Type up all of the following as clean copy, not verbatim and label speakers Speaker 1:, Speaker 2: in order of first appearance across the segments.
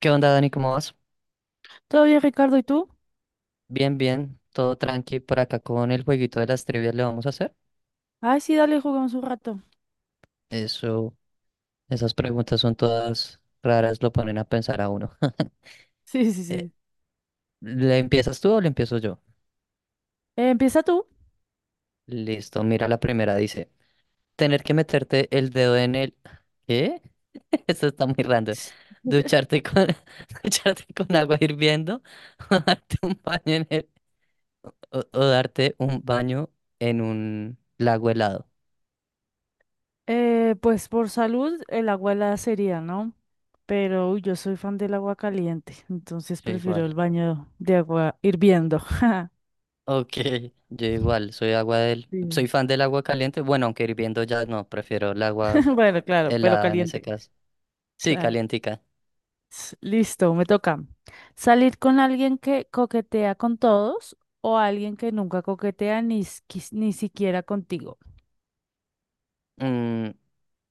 Speaker 1: ¿Qué onda, Dani? ¿Cómo vas?
Speaker 2: ¿Todo bien, Ricardo? ¿Y tú?
Speaker 1: Bien, bien, todo tranqui por acá con el jueguito de las trivias le vamos a hacer.
Speaker 2: Ay, sí, dale, jugamos un rato.
Speaker 1: Eso, esas preguntas son todas raras, lo ponen a pensar a uno.
Speaker 2: Sí, sí,
Speaker 1: Eh,
Speaker 2: sí.
Speaker 1: ¿Le empiezas tú o le empiezo yo?
Speaker 2: Empieza tú.
Speaker 1: Listo, mira la primera, dice, tener que meterte el dedo en el... ¿Qué? Eso está muy random. Ducharte con, ducharte con agua hirviendo o darte un baño en el... O darte un baño en un lago helado.
Speaker 2: Pues por salud, el agua helada sería, ¿no? Pero uy, yo soy fan del agua caliente, entonces
Speaker 1: Yo
Speaker 2: prefiero
Speaker 1: igual.
Speaker 2: el baño de agua hirviendo.
Speaker 1: Ok, yo igual, soy
Speaker 2: Sí.
Speaker 1: fan del agua caliente, bueno, aunque hirviendo ya no, prefiero el agua
Speaker 2: Bueno, claro, pero
Speaker 1: helada en ese
Speaker 2: caliente.
Speaker 1: caso. Sí,
Speaker 2: Claro.
Speaker 1: calientica.
Speaker 2: Listo, me toca. ¿Salir con alguien que coquetea con todos o alguien que nunca coquetea ni, ni siquiera contigo?
Speaker 1: Mm,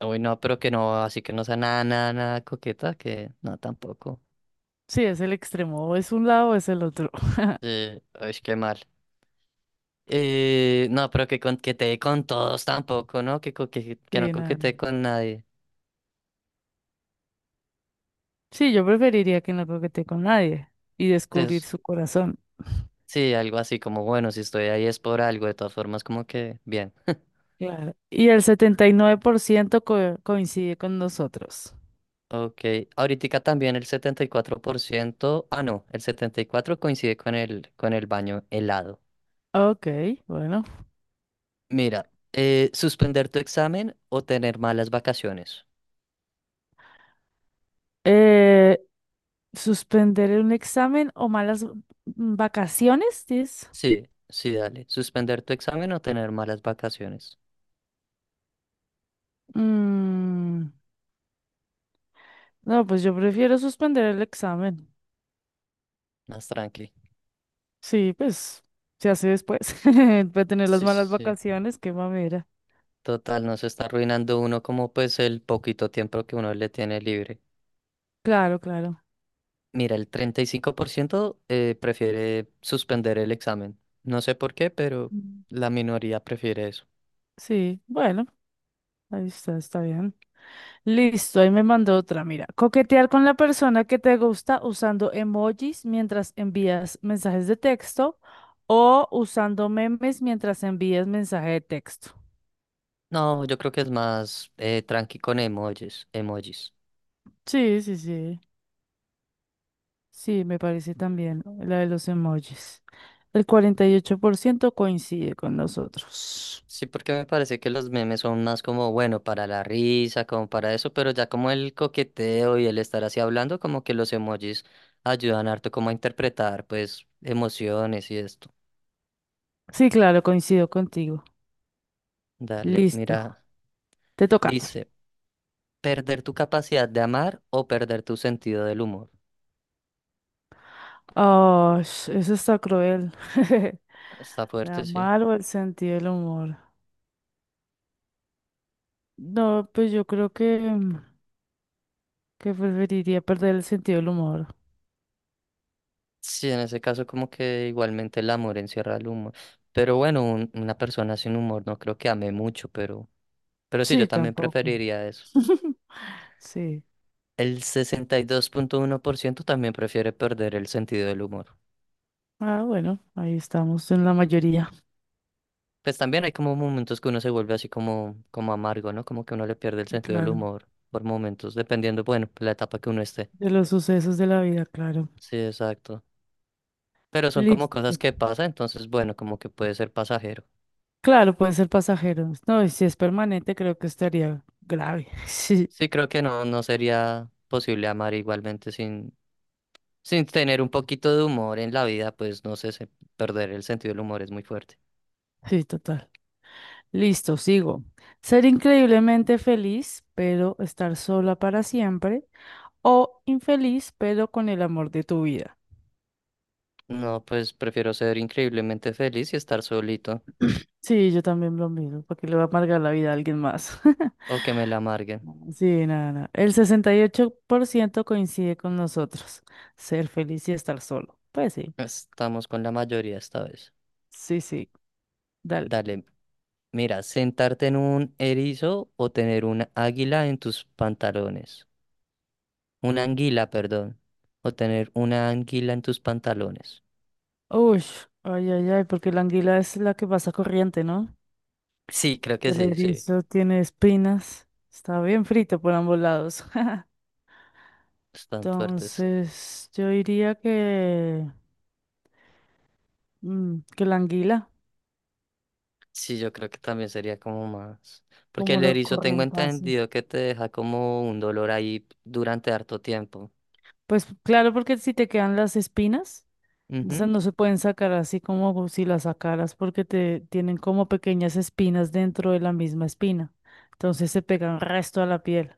Speaker 1: uy, no, pero que no, así que no sea nada, nada, nada coqueta, que no, tampoco.
Speaker 2: Sí, es el extremo, o es un lado o es el otro.
Speaker 1: Sí, es que mal. No, pero que coquetee con todos tampoco, ¿no? Que no
Speaker 2: Sí, nada.
Speaker 1: coquetee con nadie.
Speaker 2: Sí, yo preferiría que no coquetee con nadie y descubrir
Speaker 1: Entonces,
Speaker 2: su corazón.
Speaker 1: sí, algo así como, bueno, si estoy ahí es por algo, de todas formas, como que bien.
Speaker 2: Claro. Y el 79% coincide con nosotros.
Speaker 1: Ok, ahorita también el 74%. Ah, no, el 74 coincide con el baño helado.
Speaker 2: Ok, bueno.
Speaker 1: Mira, suspender tu examen o tener malas vacaciones.
Speaker 2: Eh, ¿Suspender un examen o malas vacaciones? Dices?
Speaker 1: Sí, sí, dale. Suspender tu examen o tener malas vacaciones.
Speaker 2: Mm, no, pues yo prefiero suspender el examen.
Speaker 1: Más tranqui.
Speaker 2: Sí, pues se hace después. Voy a tener las
Speaker 1: Sí, sí,
Speaker 2: malas
Speaker 1: sí.
Speaker 2: vacaciones, qué mamera.
Speaker 1: Total, no se está arruinando uno como pues el poquito tiempo que uno le tiene libre.
Speaker 2: Claro, claro.
Speaker 1: Mira, el 35% prefiere suspender el examen. No sé por qué, pero
Speaker 2: Mm.
Speaker 1: la minoría prefiere eso.
Speaker 2: Sí, bueno, ahí está, está bien. Listo, ahí me mandó otra. Mira, coquetear con la persona que te gusta usando emojis mientras envías mensajes de texto o usando memes mientras envías mensaje de texto.
Speaker 1: No, yo creo que es más tranqui con emojis, emojis.
Speaker 2: Sí, sí, sí. Sí, me parece también la de los emojis. El 48% coincide con nosotros.
Speaker 1: Sí, porque me parece que los memes son más como, bueno, para la risa, como para eso, pero ya como el coqueteo y el estar así hablando, como que los emojis ayudan harto como a interpretar, pues, emociones y esto.
Speaker 2: Sí, claro, coincido contigo.
Speaker 1: Dale,
Speaker 2: Listo,
Speaker 1: mira,
Speaker 2: te toca.
Speaker 1: dice, perder tu capacidad de amar o perder tu sentido del humor.
Speaker 2: Oh, eso está cruel.
Speaker 1: Está
Speaker 2: La
Speaker 1: fuerte, sí.
Speaker 2: mal o el sentido del humor. No, pues yo creo que, que preferiría perder el sentido del humor.
Speaker 1: Sí, en ese caso como que igualmente el amor encierra el humor. Pero bueno, una persona sin humor no creo que ame mucho, pero... Pero sí, yo
Speaker 2: Sí,
Speaker 1: también
Speaker 2: tampoco.
Speaker 1: preferiría eso.
Speaker 2: Sí.
Speaker 1: El 62,1% también prefiere perder el sentido del humor.
Speaker 2: Ah, bueno, ahí estamos en la mayoría.
Speaker 1: Pues también hay como momentos que uno se vuelve así como amargo, ¿no? Como que uno le pierde el
Speaker 2: Sí,
Speaker 1: sentido del
Speaker 2: claro.
Speaker 1: humor por momentos, dependiendo, bueno, la etapa que uno esté.
Speaker 2: De los sucesos de la vida, claro.
Speaker 1: Sí, exacto. Pero son como
Speaker 2: Listo.
Speaker 1: cosas que pasan, entonces, bueno, como que puede ser pasajero.
Speaker 2: Claro, puede ser pasajero. No, y si es permanente, creo que estaría grave. Sí,
Speaker 1: Sí, creo que no, no sería posible amar igualmente sin tener un poquito de humor en la vida, pues no sé, perder el sentido del humor es muy fuerte.
Speaker 2: sí, total. Listo, sigo. Ser increíblemente feliz, pero estar sola para siempre. O infeliz, pero con el amor de tu vida.
Speaker 1: No, pues prefiero ser increíblemente feliz y estar solito
Speaker 2: Sí, yo también lo mismo, porque le va a amargar la vida a alguien más.
Speaker 1: o que me la amarguen.
Speaker 2: Sí, nada, nada. El 68% coincide con nosotros. Ser feliz y estar solo. Pues sí,
Speaker 1: Estamos con la mayoría esta vez.
Speaker 2: sí, sí, dale.
Speaker 1: Dale, mira, sentarte en un erizo o tener una águila en tus pantalones. Una anguila, perdón. O tener una anguila en tus pantalones.
Speaker 2: Uy, ay, ay, ay, porque la anguila es la que pasa corriente, ¿no?
Speaker 1: Sí, creo que
Speaker 2: El
Speaker 1: sí, sí.
Speaker 2: erizo tiene espinas. Está bien frito por ambos lados.
Speaker 1: Están fuertes.
Speaker 2: Entonces, yo diría que, que la anguila,
Speaker 1: Sí, yo creo que también sería como más. Porque
Speaker 2: como
Speaker 1: el
Speaker 2: lo
Speaker 1: erizo tengo
Speaker 2: corriente hace.
Speaker 1: entendido que te deja como un dolor ahí durante harto tiempo.
Speaker 2: Pues claro, porque si te quedan las espinas. Esas
Speaker 1: Ujú.
Speaker 2: no se pueden sacar así como si las sacaras porque te tienen como pequeñas espinas dentro de la misma espina. Entonces se pegan resto a la piel.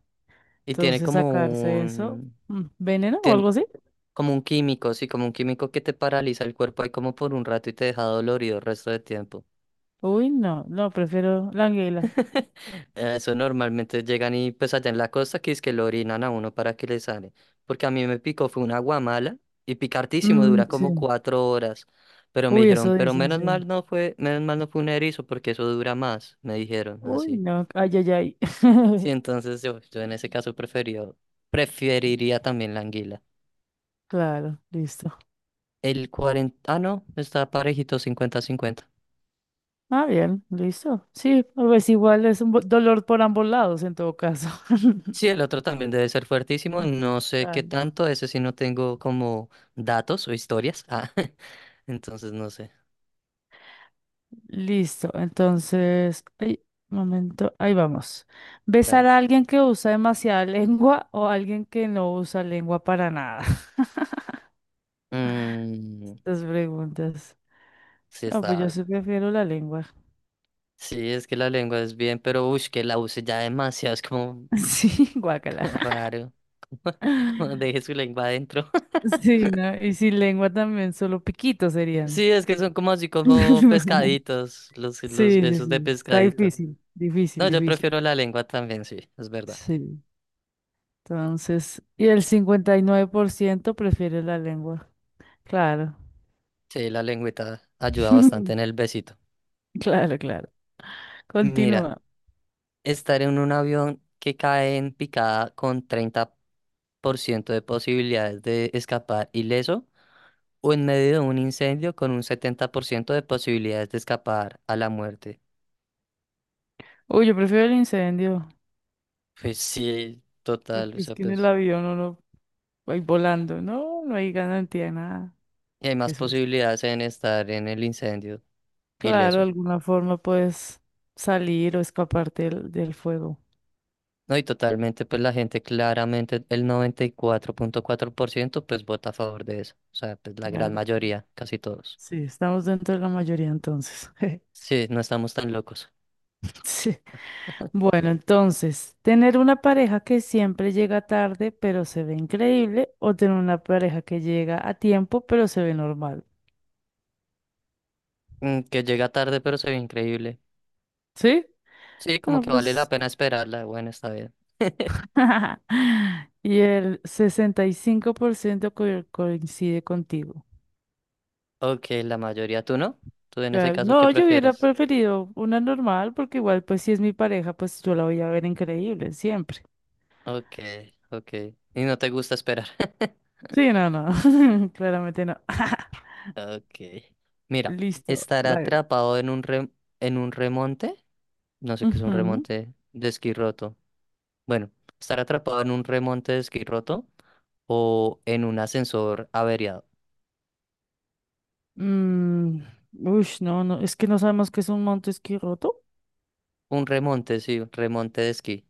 Speaker 1: Y tiene
Speaker 2: Entonces
Speaker 1: como
Speaker 2: sacarse eso,
Speaker 1: un...
Speaker 2: veneno o
Speaker 1: Tiene
Speaker 2: algo así.
Speaker 1: como un químico, sí, como un químico que te paraliza el cuerpo ahí como por un rato y te deja dolorido el resto del tiempo.
Speaker 2: Uy, no, no, prefiero la anguila.
Speaker 1: Eso normalmente llegan y pues allá en la costa que es que lo orinan a uno para que le sale. Porque a mí me picó, fue una guamala y picartísimo,
Speaker 2: Mm,
Speaker 1: dura como
Speaker 2: sí.
Speaker 1: 4 horas. Pero me
Speaker 2: Uy,
Speaker 1: dijeron,
Speaker 2: eso
Speaker 1: pero
Speaker 2: dicen,
Speaker 1: menos
Speaker 2: sí.
Speaker 1: mal no fue, menos mal no fue un erizo porque eso dura más, me dijeron
Speaker 2: Uy,
Speaker 1: así.
Speaker 2: no, ay, ay, ay.
Speaker 1: Sí, entonces yo en ese caso preferiría también la anguila.
Speaker 2: Claro, listo.
Speaker 1: El 40, ah, no, está parejito 50-50.
Speaker 2: Ah, bien, listo. Sí, pues igual es un dolor por ambos lados en todo caso.
Speaker 1: Sí, el otro también debe ser fuertísimo, no sé qué
Speaker 2: Claro.
Speaker 1: tanto, ese sí no tengo como datos o historias. Ah, entonces no sé,
Speaker 2: Listo, entonces, ay, un momento, ahí vamos. Besar
Speaker 1: dale.
Speaker 2: a alguien que usa demasiada lengua o a alguien que no usa lengua para nada.
Speaker 1: Mm,
Speaker 2: Estas preguntas.
Speaker 1: sí
Speaker 2: No, pues yo
Speaker 1: está.
Speaker 2: sí prefiero la lengua.
Speaker 1: Sí, es que la lengua es bien, pero uy, que la use ya demasiado, es como,
Speaker 2: Sí, guácala.
Speaker 1: como raro. Como deje su lengua adentro.
Speaker 2: Sí, ¿no? Y sin lengua también, solo piquitos serían.
Speaker 1: Sí, es que son como así como pescaditos, los
Speaker 2: Sí, sí,
Speaker 1: besos de
Speaker 2: sí. Está
Speaker 1: pescadito.
Speaker 2: difícil, difícil,
Speaker 1: No, yo
Speaker 2: difícil.
Speaker 1: prefiero la lengua también, sí, es verdad.
Speaker 2: Sí. Entonces, y el 59% prefiere la lengua. Claro.
Speaker 1: Sí, la lengüita ayuda bastante en el besito.
Speaker 2: Claro, claro.
Speaker 1: Mira,
Speaker 2: Continúa.
Speaker 1: estar en un avión que cae en picada con 30% de posibilidades de escapar ileso o en medio de un incendio con un 70% de posibilidades de escapar a la muerte.
Speaker 2: Uy, yo prefiero el incendio,
Speaker 1: Pues sí, total, o
Speaker 2: porque es
Speaker 1: sea,
Speaker 2: que en el
Speaker 1: pues
Speaker 2: avión uno va ahí volando. No, no hay garantía de nada.
Speaker 1: y hay más
Speaker 2: Qué susto.
Speaker 1: posibilidades en estar en el incendio
Speaker 2: Claro, de
Speaker 1: ileso.
Speaker 2: alguna forma puedes salir o escaparte del fuego.
Speaker 1: No, y totalmente, pues la gente claramente, el noventa y cuatro punto cuatro por ciento pues vota a favor de eso. O sea, pues la gran
Speaker 2: Claro.
Speaker 1: mayoría, casi todos.
Speaker 2: Sí, estamos dentro de la mayoría entonces.
Speaker 1: Sí, no estamos tan locos.
Speaker 2: Sí. Bueno, entonces, tener una pareja que siempre llega tarde, pero se ve increíble, o tener una pareja que llega a tiempo, pero se ve normal.
Speaker 1: Que llega tarde, pero se ve increíble.
Speaker 2: ¿Sí?
Speaker 1: Sí, como
Speaker 2: No,
Speaker 1: que vale la
Speaker 2: pues.
Speaker 1: pena esperarla. Bueno, está bien.
Speaker 2: Y el 65% coincide contigo.
Speaker 1: Ok, la mayoría, ¿tú no? ¿Tú en ese
Speaker 2: Claro.
Speaker 1: caso qué
Speaker 2: No, yo hubiera
Speaker 1: prefieres?
Speaker 2: preferido una normal porque igual, pues si es mi pareja, pues yo la voy a ver increíble siempre.
Speaker 1: Ok, ok. Y no te gusta esperar.
Speaker 2: Sí, no, no. Claramente no.
Speaker 1: Ok. Mira,
Speaker 2: Listo.
Speaker 1: estar
Speaker 2: Dale.
Speaker 1: atrapado en un remonte, no sé qué es un
Speaker 2: Ujú.
Speaker 1: remonte de esquí roto, bueno, estar atrapado en un remonte de esquí roto o en un ascensor averiado.
Speaker 2: Mm, ush, no, no, es que no sabemos qué es un monte esquí roto.
Speaker 1: Un remonte, sí, un remonte de esquí.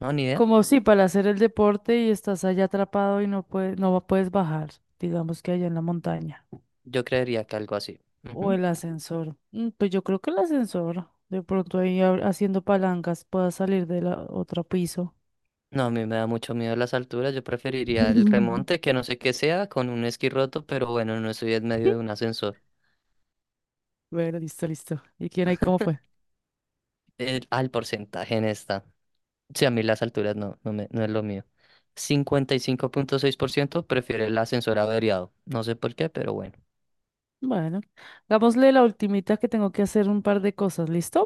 Speaker 1: No, ni idea.
Speaker 2: Como si para hacer el deporte y estás allá atrapado y no puedes, no puedes bajar, digamos que allá en la montaña.
Speaker 1: Yo creería que algo así.
Speaker 2: O
Speaker 1: Ujú.
Speaker 2: el ascensor. Mm, pues yo creo que el ascensor. De pronto ahí haciendo palancas pueda salir de la otro piso.
Speaker 1: No, a mí me da mucho miedo las alturas. Yo preferiría el remonte, que no sé qué sea, con un esquí roto, pero bueno, no estoy en medio de un ascensor.
Speaker 2: Bueno, listo, listo. ¿Y quién ahí cómo fue?
Speaker 1: Al porcentaje en esta. Sí, a mí las alturas no, no, me, no es lo mío. 55,6% prefiere el ascensor averiado. No sé por qué, pero bueno.
Speaker 2: Bueno, hagámosle la ultimita que tengo que hacer un par de cosas. ¿Listo?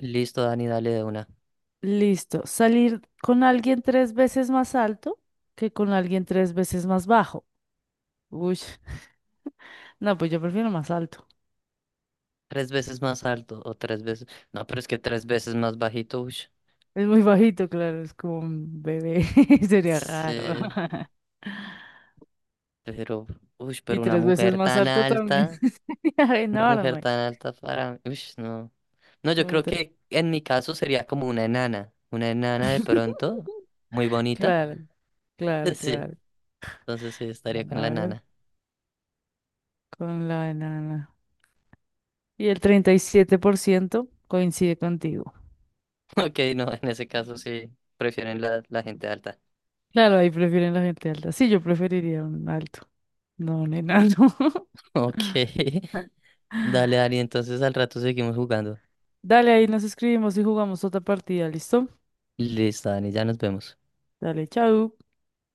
Speaker 1: Listo, Dani, dale de una.
Speaker 2: Listo. Salir con alguien tres veces más alto que con alguien tres veces más bajo. Uy, no, pues yo prefiero más alto.
Speaker 1: Tres veces más alto o tres veces. No, pero es que tres veces más bajito, uy.
Speaker 2: Es muy bajito, claro, es como un bebé. Sería raro.
Speaker 1: Sí, pero, uy,
Speaker 2: Y
Speaker 1: pero una
Speaker 2: tres veces
Speaker 1: mujer
Speaker 2: más
Speaker 1: tan
Speaker 2: alto también.
Speaker 1: alta, una mujer
Speaker 2: Enorme.
Speaker 1: tan alta para, uy, no. No, yo
Speaker 2: Muy
Speaker 1: creo que en mi caso sería como una enana de pronto, muy bonita.
Speaker 2: Claro, claro,
Speaker 1: Sí,
Speaker 2: claro.
Speaker 1: entonces sí, estaría
Speaker 2: Bueno,
Speaker 1: con la
Speaker 2: a ver,
Speaker 1: enana.
Speaker 2: con la enana. Y el 37% coincide contigo.
Speaker 1: Ok, no, en ese caso sí, prefieren la gente alta.
Speaker 2: Claro, ahí prefieren la gente alta. Sí, yo preferiría un alto, no un enano.
Speaker 1: Ok, dale, Dani, entonces al rato seguimos jugando.
Speaker 2: Dale, ahí nos escribimos y jugamos otra partida, ¿listo?
Speaker 1: Listo, Dani, ya nos vemos.
Speaker 2: Dale, chao.